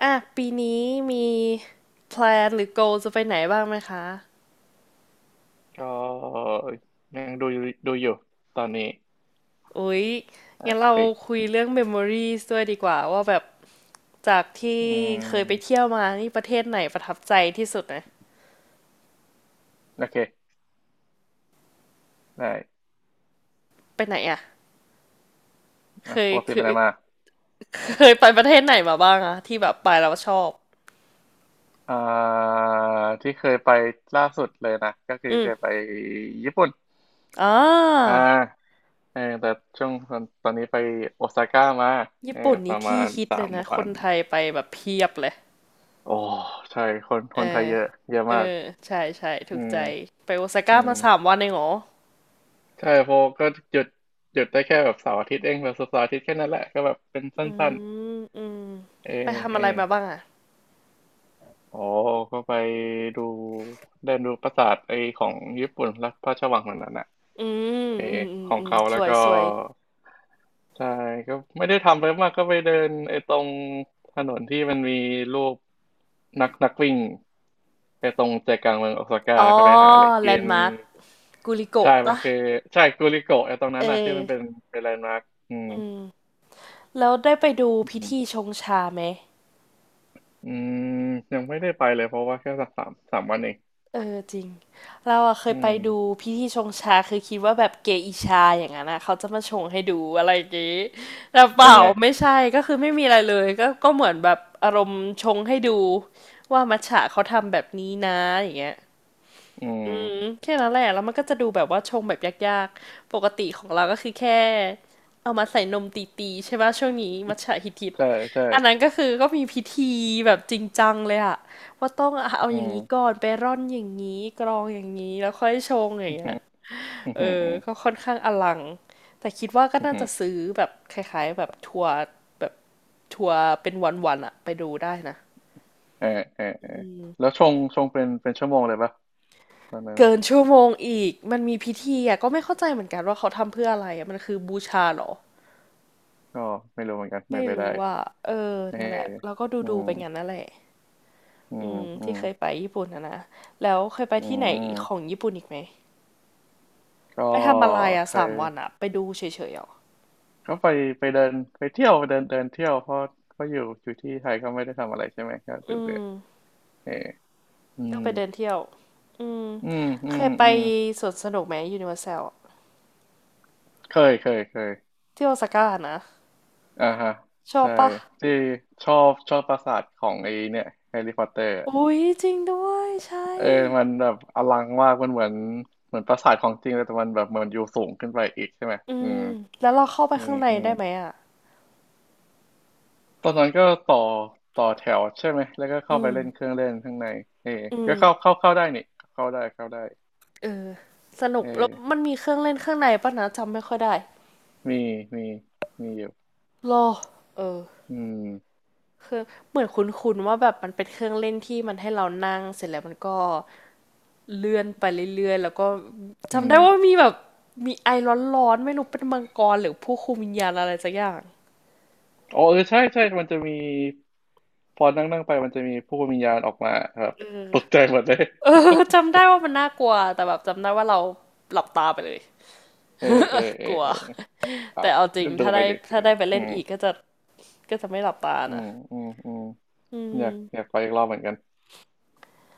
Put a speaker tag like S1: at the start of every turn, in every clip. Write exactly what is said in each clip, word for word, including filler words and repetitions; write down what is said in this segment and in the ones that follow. S1: อ่ะปีนี้มีแพลนหรือ goal จะไปไหนบ้างไหมคะ
S2: ก็ยังดูอยู่ดูอยู่ตอนนี้
S1: อุ๊ย
S2: อ่ะ
S1: งั้นเรา
S2: เฮ้ย
S1: คุยเรื่อง memories ด้วยดีกว่าว่าแบบจากที่
S2: อื
S1: เคยไป
S2: ม
S1: เที่ยวมานี่ประเทศไหนประทับใจที่สุดนะ
S2: โอเคได้
S1: ไปไหนอ่ะเค
S2: อ่ะป
S1: ย
S2: กติ
S1: เค
S2: ไปไห
S1: ย
S2: นมา
S1: เคยไปประเทศไหนมาบ้างอะที่แบบไปแล้วชอบ
S2: อ่าที่เคยไปล่าสุดเลยนะก็คือ
S1: อืม
S2: เคยไปญี่ปุ่น
S1: อ่
S2: อ่า
S1: า
S2: เออแต่ช่วงตอนตอนนี้ไปโอซาก้ามาเอ
S1: ญี่
S2: อ
S1: ปุ่น
S2: ป
S1: นี่
S2: ระมา
S1: ที่
S2: ณ
S1: ฮิต
S2: สา
S1: เลย
S2: ม
S1: นะค
S2: วั
S1: น
S2: น
S1: ไทยไปแบบเพียบเลย
S2: โอ้ใช่คนค
S1: เอ
S2: นไทย
S1: อ
S2: เยอะเยอะ
S1: เอ
S2: มาก
S1: อใช่ใช่ถู
S2: อื
S1: ก
S2: ม
S1: ใจไปโอซา
S2: อื
S1: ก้า
S2: ม
S1: มาสามวันเองเหรอ
S2: ใช่เพราะก็หยุดหยุดได้แค่แบบเสาร์อาทิตย์เองแบบเสาร์อาทิตย์แค่นั้นแหละก็แบบเป็นสั
S1: อื
S2: ้น
S1: มอืม
S2: ๆเออ
S1: ไปทำ
S2: เอ
S1: อะ
S2: อ
S1: ไรมาบ้างอ่ะ
S2: อ๋อ ก็ไปดูได้ดูปราสาทไอของญี่ปุ่นรัฐพระราชวังเหมือนนั้นอ่ะ
S1: อืม
S2: เออ
S1: อืมอืม
S2: ของ
S1: อืม
S2: เขา
S1: ส
S2: แล้ว
S1: วย
S2: ก็
S1: สวย
S2: ใช่ก็ไม่ได้ทำอะไรมากก็ไปเดินไอ้ตรงถนนที่มันมีรูปนักนักวิ่งไอ้ตรงใจกลางเมืองโอซาก้า
S1: อ๋อ
S2: แล้วก็ไปหาอะไร
S1: แล
S2: กิ
S1: น
S2: น
S1: ด์มาร์คกูลิ
S2: ใช่
S1: โกะ
S2: มัน
S1: ปะ
S2: คือใช่กูริโกะไอ้ตรงนั้
S1: เอ
S2: นอ่ะที่มันเป็น
S1: อ
S2: เป็นแลนด์มาร์คอืม
S1: แล้วได้ไปดูพิ
S2: อืม
S1: ธีชงชาไหม
S2: อืมยังไม่ได้ไปเลยเพราะว่าแค่สักสามสามวันเอง
S1: เออจริงเราอะเค
S2: อื
S1: ยไป
S2: ม
S1: ดูพิธีชงชาคือคิดว่าแบบเกอิชาอย่างนั้นนะเขาจะมาชงให้ดูอะไรอย่างงี้แต่เป
S2: เป็น
S1: ล่า
S2: ไง
S1: ไม่ใช่ก็คือไม่มีอะไรเลยก็ก็เหมือนแบบอารมณ์ชงให้ดูว่ามัทฉะเขาทำแบบนี้นะอย่างเงี้ย
S2: อืม
S1: แค่นั้นแหละ แล้วมันก็จะดูแบบว่าชงแบบยากๆ ปกติของเราก็คือแค่เอามาใส่นมตีๆใช่ป่ะช่วงนี้มัทฉะฮิต
S2: ใช่ใช่
S1: ๆอันนั้นก็คือก็มีพิธีแบบจริงจังเลยอะว่าต้องเอา
S2: อื
S1: อย่าง
S2: ม
S1: นี้ก่อนไปร่อนอย่างนี้กรองอย่างนี้แล้วค่อยชงอย่า
S2: อื
S1: งเงี้ย
S2: มออืม
S1: เออ
S2: ออืม
S1: ก็ค่อนข้างอลังแต่คิดว่าก็
S2: อ
S1: น่า
S2: ห
S1: จะ
S2: ื
S1: ซื้อแบบคล้ายๆแบบทัวร์แบบทัวร์เป็นวันๆอะไปดูได้นะ
S2: อเออเออเออแล้วชงชงเป็นเป็นชั่วโมงเลยปะตอนนั้นน่ะ
S1: เกินชั่วโมงอีกมันมีพิธีอะก็ไม่เข้าใจเหมือนกันว่าเขาทำเพื่ออะไรอะมันคือบูชาเหรอ
S2: ก็ไม่รู้เหมือนกันไม่
S1: ไม่
S2: ไปได้
S1: รู้ว่ะเออ
S2: เออ
S1: นั่นแหละแล้วก็ดู
S2: อื
S1: ดู
S2: ม
S1: ไปงั้นนั่นแหละ
S2: อื
S1: อื
S2: ม
S1: ม
S2: อื
S1: ที่
S2: ม
S1: เคยไปญี่ปุ่นนะนะแล้วเคยไป
S2: อื
S1: ที่ไหนของ
S2: ม
S1: ญี่ปุ่นอีกไหม
S2: ก็
S1: ไปทำอะไรอ่ะ
S2: เค
S1: สา
S2: ย
S1: มวันอ่ะไปดูเฉยๆอ่ะ
S2: ก็ไปไปเดินไปเที่ยวเดินเดินเที่ยวเพราะเพราะอยู่อยู่ที่ไทยก็ไม่ได้ทำอะไรใช่ไหมก็เบื่
S1: อื
S2: อเบื่อ
S1: ม
S2: เอออื
S1: ก็
S2: ม
S1: ไปเดินเที่ยวอืม
S2: อืมอื
S1: เค
S2: ม
S1: ยไป
S2: อืม
S1: สวนสนุกไหมยูนิเวอร์แซล
S2: เคยเคยเคย
S1: ที่โอซาก้านะ
S2: อ่าฮะ
S1: ชอบ
S2: ใช่
S1: ปะ
S2: ที่ชอบชอบปราสาทของไอ้เนี่ยแฮร์รี่พอตเตอร์
S1: อุ๊ยจริงด้วยใช่
S2: เออมันแบบอลังมากมันเหมือนเหมือนปราสาทของจริงเลยแต่มันแบบเหมือนอยู่สูงขึ้นไปอีกใช่ไหม
S1: อื
S2: อื
S1: ม
S2: ม
S1: แล้วเราเข้าไป
S2: อืม
S1: ข้างใน
S2: อืม
S1: ได้ไหมอ่ะ
S2: ตอนนั้นก็ต่อต่อแถวใช่ไหมแล้วก็
S1: อื
S2: เข้าไป
S1: ม
S2: เล่นเครื่องเล่นข้างในเออ
S1: อื
S2: ก็
S1: ม
S2: เข้าเข้าเข้าได้นี่เข้าได้เข้าได้
S1: เออสนุ
S2: เอ
S1: กแล้ว
S2: อ
S1: มันมีเครื่องเล่นข้างในปะนะจำไม่ค่อยได้
S2: มีมีมีอยู่
S1: รอเออ
S2: อืม
S1: คือเหมือนคุ้นๆว่าแบบมันเป็นเครื่องเล่นที่มันให้เรานั่งเสร็จแล้วมันก็เลื่อนไปเรื่อยๆแล้วก็
S2: อื
S1: จำ
S2: ม
S1: ได้ว่ามีแบบมีไอร้อนๆไม่รู้เป็นมังกรหรือผู้คุมวิญญาณอะไรสักอย่าง
S2: อ๋อเออใช่ใช่ มันจะมีพอนั่งนั่งไป มันจะมีผู้วิญญาณออกมาครับ
S1: เออ
S2: ตกใจหมดเลย
S1: เออ จำได้ว่ามันน่ากลัวแต่แบบจำได้ว่าเราหลับตาไปเลย
S2: เออเออเอ
S1: ก
S2: อ
S1: ลัว
S2: เออ เอา
S1: แต่เอาจริง
S2: ก็ดู
S1: ถ้า
S2: ไป
S1: ได้
S2: ดิ
S1: ถ้าได้ไป
S2: อื
S1: เล่น
S2: ม
S1: อีกก็จะก็จะไม่หลับตา
S2: อื
S1: นะ
S2: มอืมอืม
S1: อื
S2: อยากอยาก
S1: ม
S2: ไปอีกรอบเหมือนกัน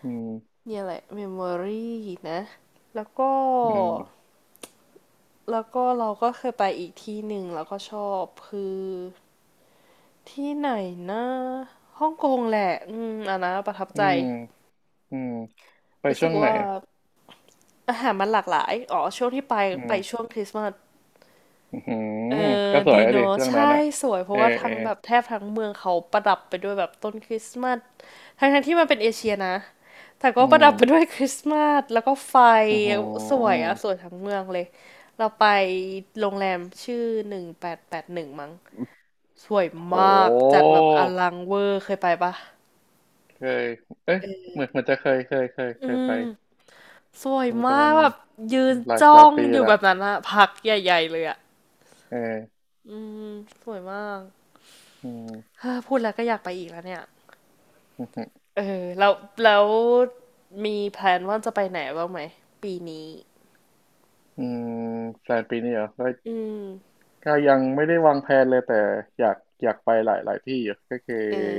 S2: อืม
S1: เนี่ยแหละเมมโมรีนะแล้วก็
S2: อืม
S1: แล้วก็เราก็เคยไปอีกที่หนึ่งแล้วก็ชอบคือ ที่ไหนนะฮ่องกงแหละอืมอันนะประทับ
S2: อื
S1: ใจ
S2: มอืมไป
S1: รู้
S2: ช่
S1: สึ
S2: ว
S1: ก
S2: งไหน
S1: ว่า
S2: อ่ะ
S1: อาหารมันหลากหลายอ๋อช่วงที่ไป
S2: อื
S1: ไปช่ว
S2: ม
S1: งคริสต์มาส
S2: อือหื
S1: เอ
S2: อ
S1: อ
S2: ก็สวย
S1: ดี
S2: อะ
S1: เน
S2: ดิ
S1: อะ
S2: ช่วง
S1: ใช่
S2: นั้นอ่ะ
S1: สวยเพ
S2: เอ
S1: ราะ
S2: อ
S1: ว่า
S2: เอ
S1: ทั้
S2: อ
S1: งแบบแทบทั้งเมืองเขาประดับไปด้วยแบบต้นคริสต์มาสทั้งทั้งที่มันเป็นเอเชียนะแต่ก็
S2: อื
S1: ประดับไปด้วย
S2: ม
S1: คริสต์มาสแล้วก็ไฟ
S2: อือหื
S1: สวย
S2: อ
S1: อะสวยทั้งเมืองเลยเราไปโรงแรมชื่อหนึ่งแปดแปดหนึ่งมั้งสวย
S2: โ
S1: มากจั
S2: ห
S1: ดแบบอลังเวอร์เคยไปปะ
S2: เคยเอ๊ะ
S1: เออ
S2: เหมือนเหมันจะเคยเคยเคย
S1: อื
S2: เคยไป
S1: ม สวย
S2: โอ้แต่
S1: มา
S2: มั
S1: ก
S2: น
S1: แบบยืน
S2: หลาย
S1: จ้
S2: ห
S1: อ
S2: ลาย
S1: ง
S2: ปี
S1: อยู่แบ
S2: ละ
S1: บนั้นอะพักใหญ่ๆเลยอะ
S2: เออ
S1: อืมสวยมาก
S2: อืม
S1: เฮ้อพูดแล้วก็อยากไปอีกแล้วเนี่ย
S2: อือหือ
S1: เออแล้วแล้วมีแพลนว่าจะไปไหนบ้างไหมปีนี้
S2: อืมแฟนปีนี้เหรอก็
S1: อืม
S2: ก็ยังไม่ได้วางแผนเลยแต่อยากอยากไปหลายหลายที่อยู่ก็คือ
S1: เออ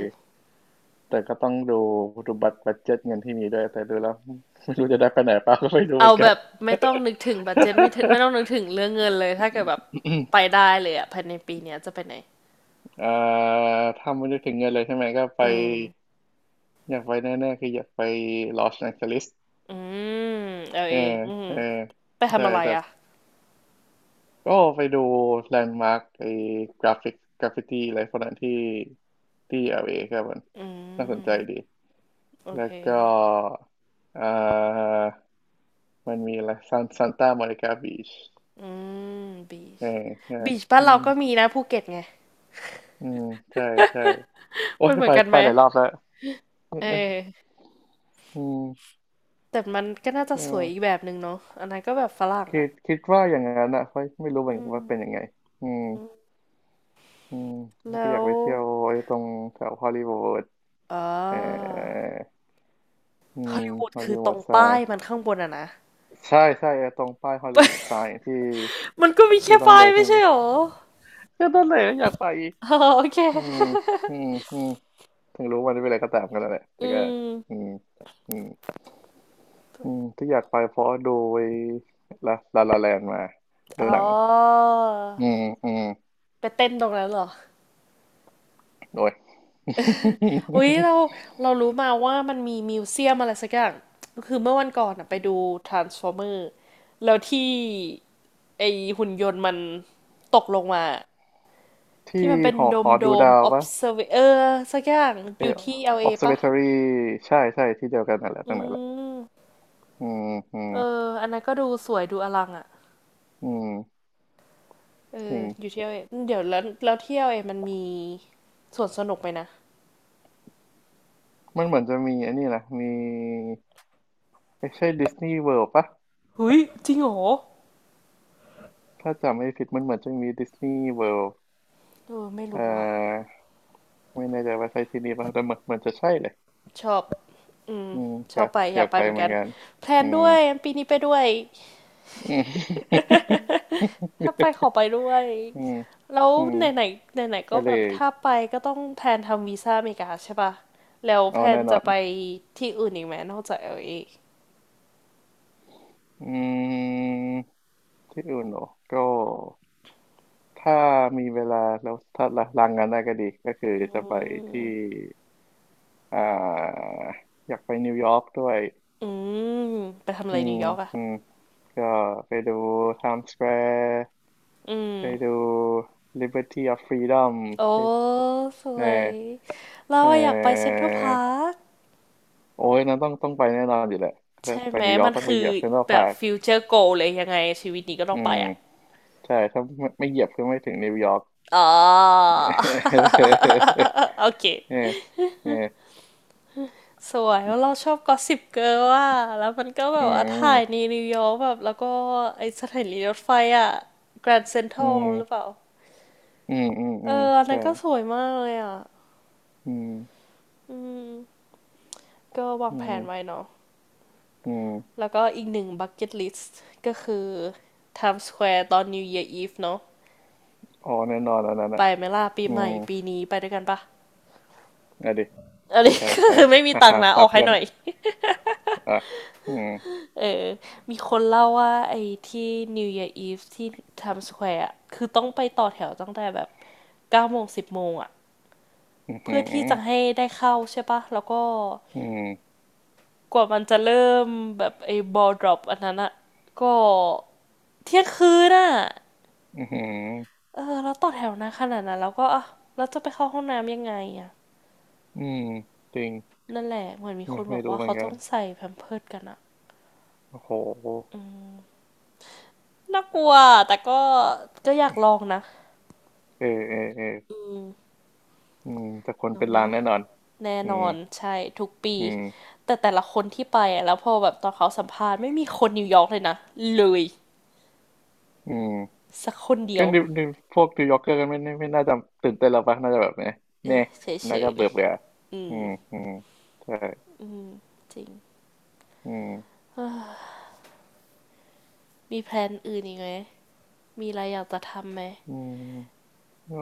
S2: แต่ก็ต้องดูดูบัตรบัดเจ็ตเงินที่มีด้วยแต่ดูแล้ว ไม่รู้จะได้ไปไหนเปล่าก็ไม่รู้เห
S1: เอา
S2: มือน
S1: แบ
S2: กัน
S1: บไม่ต้องนึกถึงบัดเจ็ตไม่ถึงไม่ต้องนึกถึงเรื่องเงินเลยถ้าเกิดแบบไป ได้เลยอะภายในปีเนี้ยจะไปไหน
S2: เอ่อถ้าไม่ได้ถึงเงินเลยใช่ไหมก็ไป
S1: อืม
S2: อยากไปแน่ๆคืออยากไปลอสแองเจลิส
S1: อืมเอา
S2: เอ
S1: เอ
S2: อ
S1: งอืม
S2: เออ
S1: ไป
S2: ใช่
S1: ทำอะไร
S2: แต่
S1: อะ
S2: ก็ไปดูแลนด์มาร์กไอ้กราฟิกกราฟฟิตี้อะไรพวกนั้นที่ที่ แอล เอ ครับมัน
S1: อื
S2: น่าสนใจดี
S1: มโอ
S2: แล้
S1: เค
S2: วก็เอ่อมันมีอะไรซันซานตา o ม i นิกาบีช
S1: อืมบีช
S2: เออใช่
S1: บีชบ้าน
S2: อื
S1: เรา
S2: ม
S1: ก็มีนะภูเก็ตไง
S2: อืมใช่ ใช่โอ้
S1: มั
S2: ย
S1: นเหมือ
S2: ไป
S1: นกัน
S2: ไป
S1: ไหม
S2: หลายรอบแล้ว
S1: เออ
S2: อืม
S1: แต่มันก็น่าจะ
S2: ก็
S1: สวยอีกแบบหนึ่งเนาะอันนั้นก็แบบฝรั่ง
S2: คิ
S1: อ่ะ
S2: ดคิดว่าอย่างนั้นอ่ะไม่ไม่รู้เหมื
S1: อื
S2: อนกันว่าเป็น
S1: ม
S2: ยังไงอืมอืมแล้วก็
S1: แล้
S2: อยาก
S1: ว
S2: ไปเที่ยวไอ้ตรงแถวฮอลลีวูด
S1: เอ่า
S2: เอออื
S1: ฮอ
S2: ม
S1: ลลีวูด
S2: ฮอล
S1: คื
S2: ลี
S1: อต
S2: วู
S1: ร
S2: ด
S1: ง
S2: ทรา
S1: ป้า
S2: ย
S1: ยมันข้างบนอ่ะนะ
S2: ใช่ใช่ไอ้ตรงป้ายฮอลลีวูดทรายที่
S1: มันก็มีแค่
S2: ที่ต้อง
S1: ป้าย
S2: เดินขึ้
S1: ไม่
S2: นไป
S1: ใช่หรอ
S2: ก็นั่นแหละอยากไปอีก
S1: อ๋อโอเค
S2: อืมอืมอืมถึงรู้วันนี้เป็นอะไรก็ตามกันแล้วแหละแต่
S1: อื
S2: ก็
S1: ม
S2: อืมอืม อืมที่อยากไปเพราะดูไอ้ละลาลาแลนมาดู
S1: อ๋อ
S2: หนังอืมอืม
S1: ไปเต้นตรงนั้นเหรอ
S2: โดย
S1: อุ๊ยเราเรารู้มาว่ามันมีมิวเซียมอะไรสักอย่างคือเมื่อวันก่อนอะไปดู Transformer แล้วที่ ไอหุ่นยนต์มันตกลงมาที่
S2: ที่
S1: มันเป็น
S2: หอ
S1: โด
S2: ห
S1: ม
S2: อ
S1: โด
S2: ดู
S1: ม
S2: ดาวปะ
S1: observer เออสักอย่างอ
S2: เออ
S1: ยู่ที่ แอล เอ ปะ
S2: ออบเซอร์วาทอรี ใช่ใช่ที่เดียวกันนั่นแหละ
S1: อื
S2: ตรงนั้นแหละ
S1: ม
S2: อืมอืม
S1: เอออันนั้นก็ดูสวยดูอลังอ่ะ
S2: อืม
S1: เอ
S2: จ
S1: อ
S2: ริง
S1: อยู่ที่ แอล เอ เอเดี๋ยวแล้วแล้วที่ แอล เอ มันมีสวนสนุกไปนะ
S2: มันเหมือนจะมีอันนี้นะมีไม่ใช่ดิสนีย์เวิลด์ปะ
S1: หุยจริงเหรอ
S2: ถ้าจำไม่ผิดมันเหมือนจะมีดิสนีย์เวิลด์
S1: เออไม่
S2: เอ่
S1: รู้อ่ะ
S2: อไม่แน่ใจว่าใช่ที่นี่ปะแต่เหมือนเหมือนจะใช่เลย
S1: ชอบ อืม
S2: อืม
S1: ช
S2: อ
S1: อ
S2: ยา
S1: บ
S2: ก
S1: ไปอ
S2: อ
S1: ยา
S2: ยา
S1: ก
S2: ก
S1: ไป
S2: ไป
S1: เหมือน
S2: เหมือ
S1: กั
S2: น
S1: น
S2: กัน
S1: แพล
S2: อื
S1: น
S2: ม
S1: ด้วยปีนี้ไปด้วย
S2: อืม
S1: ถ้าไปขอไปด้วย
S2: อืม
S1: แล้ว
S2: อืม
S1: ไหนๆไหนไหนๆ
S2: ไป
S1: ก็
S2: เล
S1: แบบ
S2: ย
S1: ถ้าไปก็ต้องแพลนทำวีซ่าอเมริกาใช่ปะแล้วแพ
S2: เอา
S1: ลน
S2: แน่นอ
S1: จะ
S2: น
S1: ไปที่อื่นอีกไหมนอกจาก แอล เอ อล
S2: อืมที่อื่นเหรอก็ถ้ามีเวลาแล้วถ้าลาลางงานได้ก็ดีก็คือ
S1: เอ
S2: จะไป
S1: อื
S2: ที่
S1: ม
S2: อ่าอยากไปนิวยอร์กด้วย
S1: อืมไปทำอะ
S2: อื
S1: ไร
S2: ม
S1: นิวยอร์กอ่ะ
S2: อืมก็ไปดู ไทม์สแควร์
S1: อืม
S2: ไปดู ลิเบอร์ตี้ ออฟ ฟรีดอม
S1: โอ้
S2: ไป
S1: ส
S2: เอ
S1: วย
S2: อ
S1: เรา
S2: เอ
S1: อะอยากไปเซ็น
S2: อ
S1: ทรัลพาร์ค
S2: โอ้ยนั้นต้องต้องไปแน่นอนอยู่แหละถ้า
S1: ใช่
S2: ไป
S1: ไหม
S2: นิวยอร์
S1: มั
S2: ก
S1: น
S2: ต้องไป
S1: คื
S2: เห
S1: อ
S2: ยียบเซ็นทรัล
S1: แบ
S2: พา
S1: บ
S2: ร์ค
S1: ฟิวเจอร์โกเลยยังไงชีวิตนี้ก็ต้อ
S2: อื
S1: งไป
S2: ม
S1: อ่ะ
S2: ใช่ถ้าไม่ไม่เหยียบก็ไม่ถึงนิวยอร์ก
S1: อ๋อ โอเค
S2: เออเออ
S1: สวยแล้วเราชอบกอสซิปเกิร์ลอะแล้วมันก็แบ
S2: อื
S1: บว่าถ่ายใน
S2: ม
S1: นิวยอร์กแบบแล้วก็ไอสถานีรถไฟอะแกรนด์เซ็นทรั
S2: อื
S1: ล
S2: ม
S1: หรือเปล่า
S2: อืมอืม
S1: เอ
S2: อื
S1: อ
S2: ม
S1: อันนั้
S2: ใช่
S1: นก็สวยมากเลยอะ
S2: อืม
S1: อืมก็วา
S2: อื
S1: งแผนไว้
S2: ม
S1: เนาะ
S2: อืม
S1: แล้วก็อีกหนึ่งบักเก็ตลิสต์ก็คือ Times Square ตอน New Year Eve เนาะ
S2: อ๋อแน่นอนอันนั้น
S1: ไป
S2: อ่ะ
S1: ไหมล่ะปี
S2: อื
S1: ให
S2: ม
S1: ม่ปีนี้ไปด้วยกันปะ
S2: อ่ะดิ
S1: อันนี้
S2: ใป
S1: ค
S2: ไป
S1: ือไม่มี
S2: ฮ่า
S1: ตัง
S2: ฮ่า
S1: ค์นะอ
S2: ตา
S1: อกให้
S2: เพื่อ
S1: ห
S2: น
S1: น่อย
S2: อ่ะอืม
S1: เออมีคนเล่าว่าไอ้ที่ New Year Eve ที่ Times Square อะคือต้องไปต่อแถวตั้งแต่แบบเก้าโมงสิบโมงอะ
S2: อืมอื
S1: เพื่อที่
S2: ม
S1: จะให้ได้เข้าใช่ปะ แล้วก็
S2: อืม
S1: กว่ามันจะเริ่มแบบไอ้ ball drop อันนั้นอะก็เที่ยงคืนอะ
S2: อืม
S1: เออแล้วต่อแถวนานขนาดนั้นแล้วก็อ่ะแล้วจะไปเข้าห้องน้ำยังไงอะ
S2: อืมจริง
S1: นั่นแหละเหมือนมีค
S2: ไม่
S1: นบ
S2: ไม่
S1: อก
S2: รู้
S1: ว่า
S2: เหมือ
S1: เขา
S2: นกั
S1: ต้อ
S2: น
S1: งใส่แพมเพิร์สกันอะ
S2: โอ้โห
S1: น่ากลัวแต่ก็ก็อยากลองนะ
S2: เออเออเออ
S1: อืม
S2: อืมแต่คน
S1: ลอง
S2: เป็น
S1: ไหม
S2: ล้าน
S1: ล่ะ
S2: แน่นอน
S1: แน่
S2: อื
S1: น
S2: ม
S1: อนใช่ทุกปี
S2: อืม
S1: แต่แต่ละคนที่ไปอะแล้วพอแบบตอนเขาสัมภาษณ์ไม่มีคนนิวยอร์กเลยนะเลย
S2: อืม
S1: สักคนเดี
S2: ก็
S1: ยว
S2: นิวนิวพวกนิวยอร์กเกอร์กันไม่ไม่ไม่น่าจะตื่นเต้นแล้วปะน่าจะแบบเนี่ย
S1: เอ
S2: เน่
S1: อ
S2: ย
S1: เฉ
S2: น่า
S1: ย
S2: ก็
S1: ๆ
S2: เบื่
S1: เนี่
S2: อ
S1: ย
S2: เบื่อ
S1: อื
S2: อื
S1: ม
S2: มอืมใช่
S1: จริง
S2: อืม
S1: มีแพลนอื่นอีกไหมมีอะไรอยากจะทำไหม
S2: อืมก็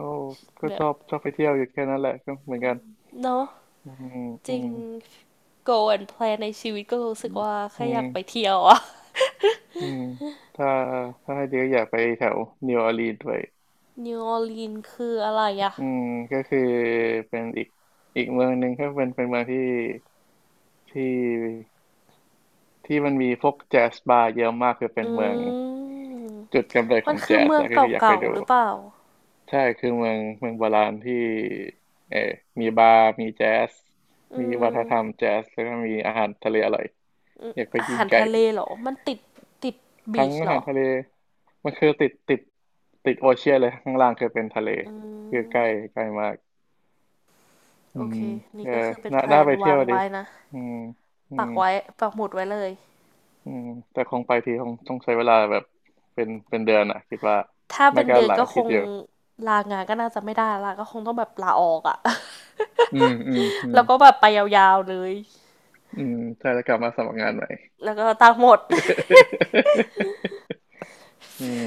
S2: ก็
S1: แบ
S2: ช
S1: บ
S2: อบชอบไปเที่ยวอยู่แค่นั้นแหละก็เหมือนกัน
S1: เนาะ
S2: อืม
S1: จ
S2: อื
S1: ริ
S2: ม
S1: ง go and plan ในชีวิตก็รู้
S2: อื
S1: สึก
S2: ม
S1: ว่า
S2: อื
S1: แค่อ
S2: ม
S1: ยากไปเที่ยวอะ
S2: อืมถ้าถ้าให้เดียวอยากไปแถวนิวออร์ลีนด้วย
S1: นิวออร์ลีนคืออะไรอะ
S2: อืมก็คือเป็นอีกอีกเมืองหนึ่งก็เป็นเป็นเมืองที่ที่ที่มันมีพวกแจ๊สบาร์เยอะมากคือเป็
S1: อ
S2: นเมือง
S1: ืม
S2: จุดกำเนิดข
S1: มัน
S2: อง
S1: คือ
S2: แจ๊ส
S1: เมือง
S2: อะก็คืออยากไป
S1: เก่า
S2: ดู
S1: ๆหรือเปล่า
S2: ใช่คือเมืองเมืองโบราณที่เออมีบาร์มีแจ๊ส
S1: อื
S2: มีวัฒนธรรม
S1: ม
S2: แจ๊สแล้วก็มีอาหารทะเลอร่อยอยากไป
S1: อา
S2: กิน
S1: หาร
S2: ไก่
S1: ทะเลเหรอมันติดติดบี
S2: ทั้ง
S1: ช
S2: อา
S1: เหร
S2: หา
S1: อ
S2: รทะเลมันคือติดติดติดโอเชียนเลยข้างล่างคือเป็นทะเล
S1: อื
S2: คือใกล้
S1: ม
S2: ใกล้มากอื
S1: โอเค
S2: มเอ
S1: นี่
S2: อ
S1: ก็คือเป็น
S2: น่า
S1: แพล
S2: น่า
S1: น
S2: ไปเที่
S1: วา
S2: ยว
S1: ง
S2: ดี
S1: ไว้นะ
S2: อืมอื
S1: ปั
S2: ม
S1: กไว้ปักหมุดไว้เลย
S2: อืมแต่คงไปทีคงต้องใช้เวลาแบบเป็นเป็นเดือนอ่ะคิดว่า
S1: ถ้า
S2: ไม่
S1: เป็น
S2: ก็
S1: เดือน
S2: หลาย
S1: ก็
S2: อา
S1: ค
S2: ทิต
S1: ง
S2: ย์อยู่
S1: ลางานก็น่าจะไม่ได้ละก็คงต้องแบบลาออกอะ
S2: อืมอืมอื ม
S1: แล้วก็แบบไปยาวๆเลย
S2: อืมใช่แล้วกลับมาสมัครงานใหม่
S1: แล้วก็ตังค์หมด
S2: อืม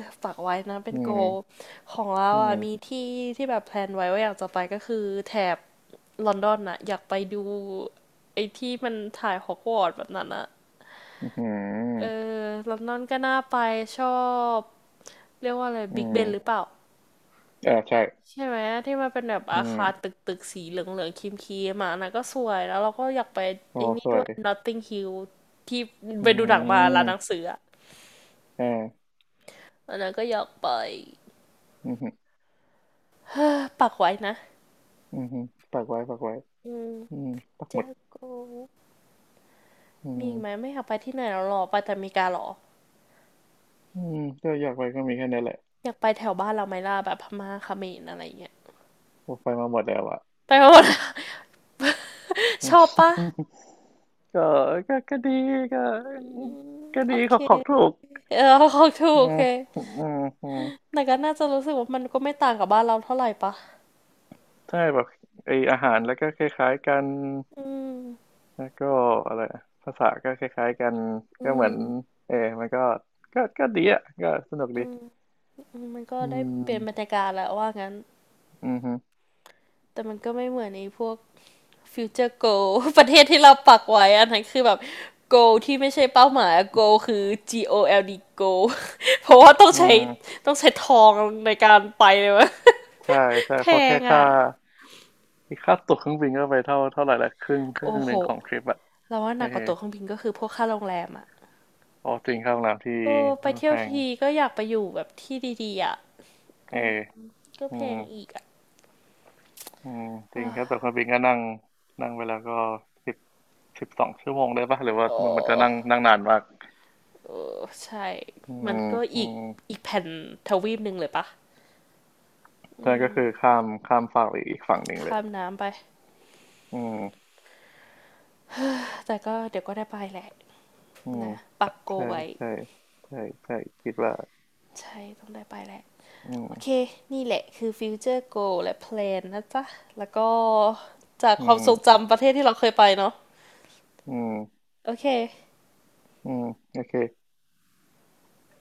S1: ฝากไว้นะเป็
S2: อื
S1: นโกล
S2: ม
S1: ของเรา
S2: อืม
S1: อ่ะมีที่ที่แบบแพลนไว้ว่าอยากจะไปก็คือแถบลอนดอนอะอยากไปดูไอ้ที่มันถ่ายฮอกวอตส์แบบนั้นอะ
S2: อื
S1: เอ
S2: ม
S1: อลอนดอนก็น่าไปชอบเรียกว่าอะไร
S2: อื
S1: บิ๊กเบนหรือเป
S2: ม
S1: ล่า
S2: อ่าใช่
S1: ใช่ไหมที่มันเป็นแบบ
S2: อื
S1: อา
S2: ม
S1: คารตึกตึกสีเหลืองเหลืองครีมครีมๆอ่ะอันนะก็สวยแล้วเราก็อยากไป
S2: โอ้
S1: ไอ้นี่
S2: ส
S1: ด้
S2: ว
S1: ว
S2: ย
S1: ย Notting Hill ที่
S2: อื
S1: ไปดูหนังมาร้านหนั
S2: ม
S1: งสืออ่ะ
S2: อ่า
S1: อันนั้นก็อยากไป
S2: อืม
S1: ปักไว้นะ
S2: อืมปักไว้ปักไว้
S1: อืม
S2: อืมปัก
S1: เจ
S2: หมด
S1: โก
S2: อื
S1: มีอีกไหม
S2: ม
S1: ไม่อยากไปที่ไหนแล้วหรอไปแต่อเมริกาหรอ
S2: อืมก็อยากไปก็มีแค่นี้แหละ
S1: อยากไปแถวบ้านเราไหมล่ะแบบพม่าเขมรอะไรเงี้ย
S2: โอ้ไปมาหมดแล้วอ่ะ
S1: ไปหมด
S2: อื
S1: ชอบปะ
S2: มก็ก็ก็ดีก็
S1: อืม
S2: ก็
S1: โอ
S2: ดีข
S1: เค
S2: อของถูก
S1: เออ ของถูก
S2: อื
S1: โอ
S2: ม
S1: เค
S2: อืมอืม
S1: แต่ก็น่าจะรู้สึกว่ามันก็ไม่ต่างกับบ้านเราเท่าไหร่ปะ
S2: ใช่แบบไออาหารแล้วก็คล้ายๆกัน
S1: อืม
S2: แล้วก็อะไรอะภาษาก็คล้ายๆกัน
S1: อื
S2: ก็เห
S1: ม
S2: มือนเออมันก็ก็ก็ดีอ่ะก็สนุกดี
S1: อืมอืมมันก็
S2: อื
S1: ได้เปลี่ยนบรร
S2: ม
S1: ยากาศแหละว่างั้น
S2: อืมฮึ
S1: แต่มันก็ไม่เหมือนไอ้พวกฟิวเจอร์โก ประเทศที่เราปักไว้อันนั้นคือแบบโกที่ไม่ใช่เป้าหมายอะโกคือ จี โอ แอล ดี Go เพราะว่าต้อง
S2: อื
S1: ใช้
S2: ม
S1: ต้องใช้ทองในการไปเลยวะ
S2: ใช่ใช่
S1: แพ
S2: เพราะแค่
S1: ง
S2: ค่า
S1: อ่ะ
S2: ค่าตั๋วเครื่องบินก็ไปเท่าเท่าไหร่ละครึ่งครึ่
S1: โอ้
S2: งห
S1: โห
S2: นึ่งของทริปอ่ะ
S1: เราว่าห
S2: เออ
S1: นักกว่าตั๋วเครื่องบินก็คือพวกค่าโรงแรมอ่ะ
S2: โอจริงค่าโรงแรมที่
S1: โอ้ไปเที่
S2: แพ
S1: ยว
S2: ง
S1: ทีก็อยากไปอยู่แบบที่ดีๆอ่ะ
S2: เออ
S1: ก็
S2: อื
S1: แพ
S2: ม
S1: งอีกอ่ะ
S2: อืมจริงแค่าตั๋วเครื่องบินก็นั่ง นั่งไปแล้วก็สิบสิบสองชั่วโมงได้ปะหรือว่า
S1: โอ้
S2: มันมันจะนั่งนั่งนานมาก
S1: เออใช่
S2: อื
S1: มั
S2: ม
S1: นก็
S2: อื
S1: อีก
S2: ม
S1: อีกแผ่นทวีปหนึ่งเลยปะอื
S2: นั่นก็
S1: ม
S2: คือข้ามข้ามฝั่งไปอีกฝั่งหนึ่งเล
S1: ข้า
S2: ย
S1: มน้ำไป
S2: อืม
S1: แต่ก็เดี๋ยวก็ได้ไปแหละ
S2: อืม
S1: นะปักโก
S2: ใช่
S1: ไว้
S2: ใช่ใช่ใช่คิดว่า
S1: ใช่ต้องได้ไปแหละ
S2: อื
S1: โอเค
S2: ม
S1: นี่แหละคือฟิวเจอร์โกและแพลนนะจ๊ะแล้วก็จาก
S2: อื
S1: ความ
S2: ม
S1: ทรงจำประเทศที่เราเคยไปเนาะ
S2: อืม
S1: โอเค
S2: อืมโอเค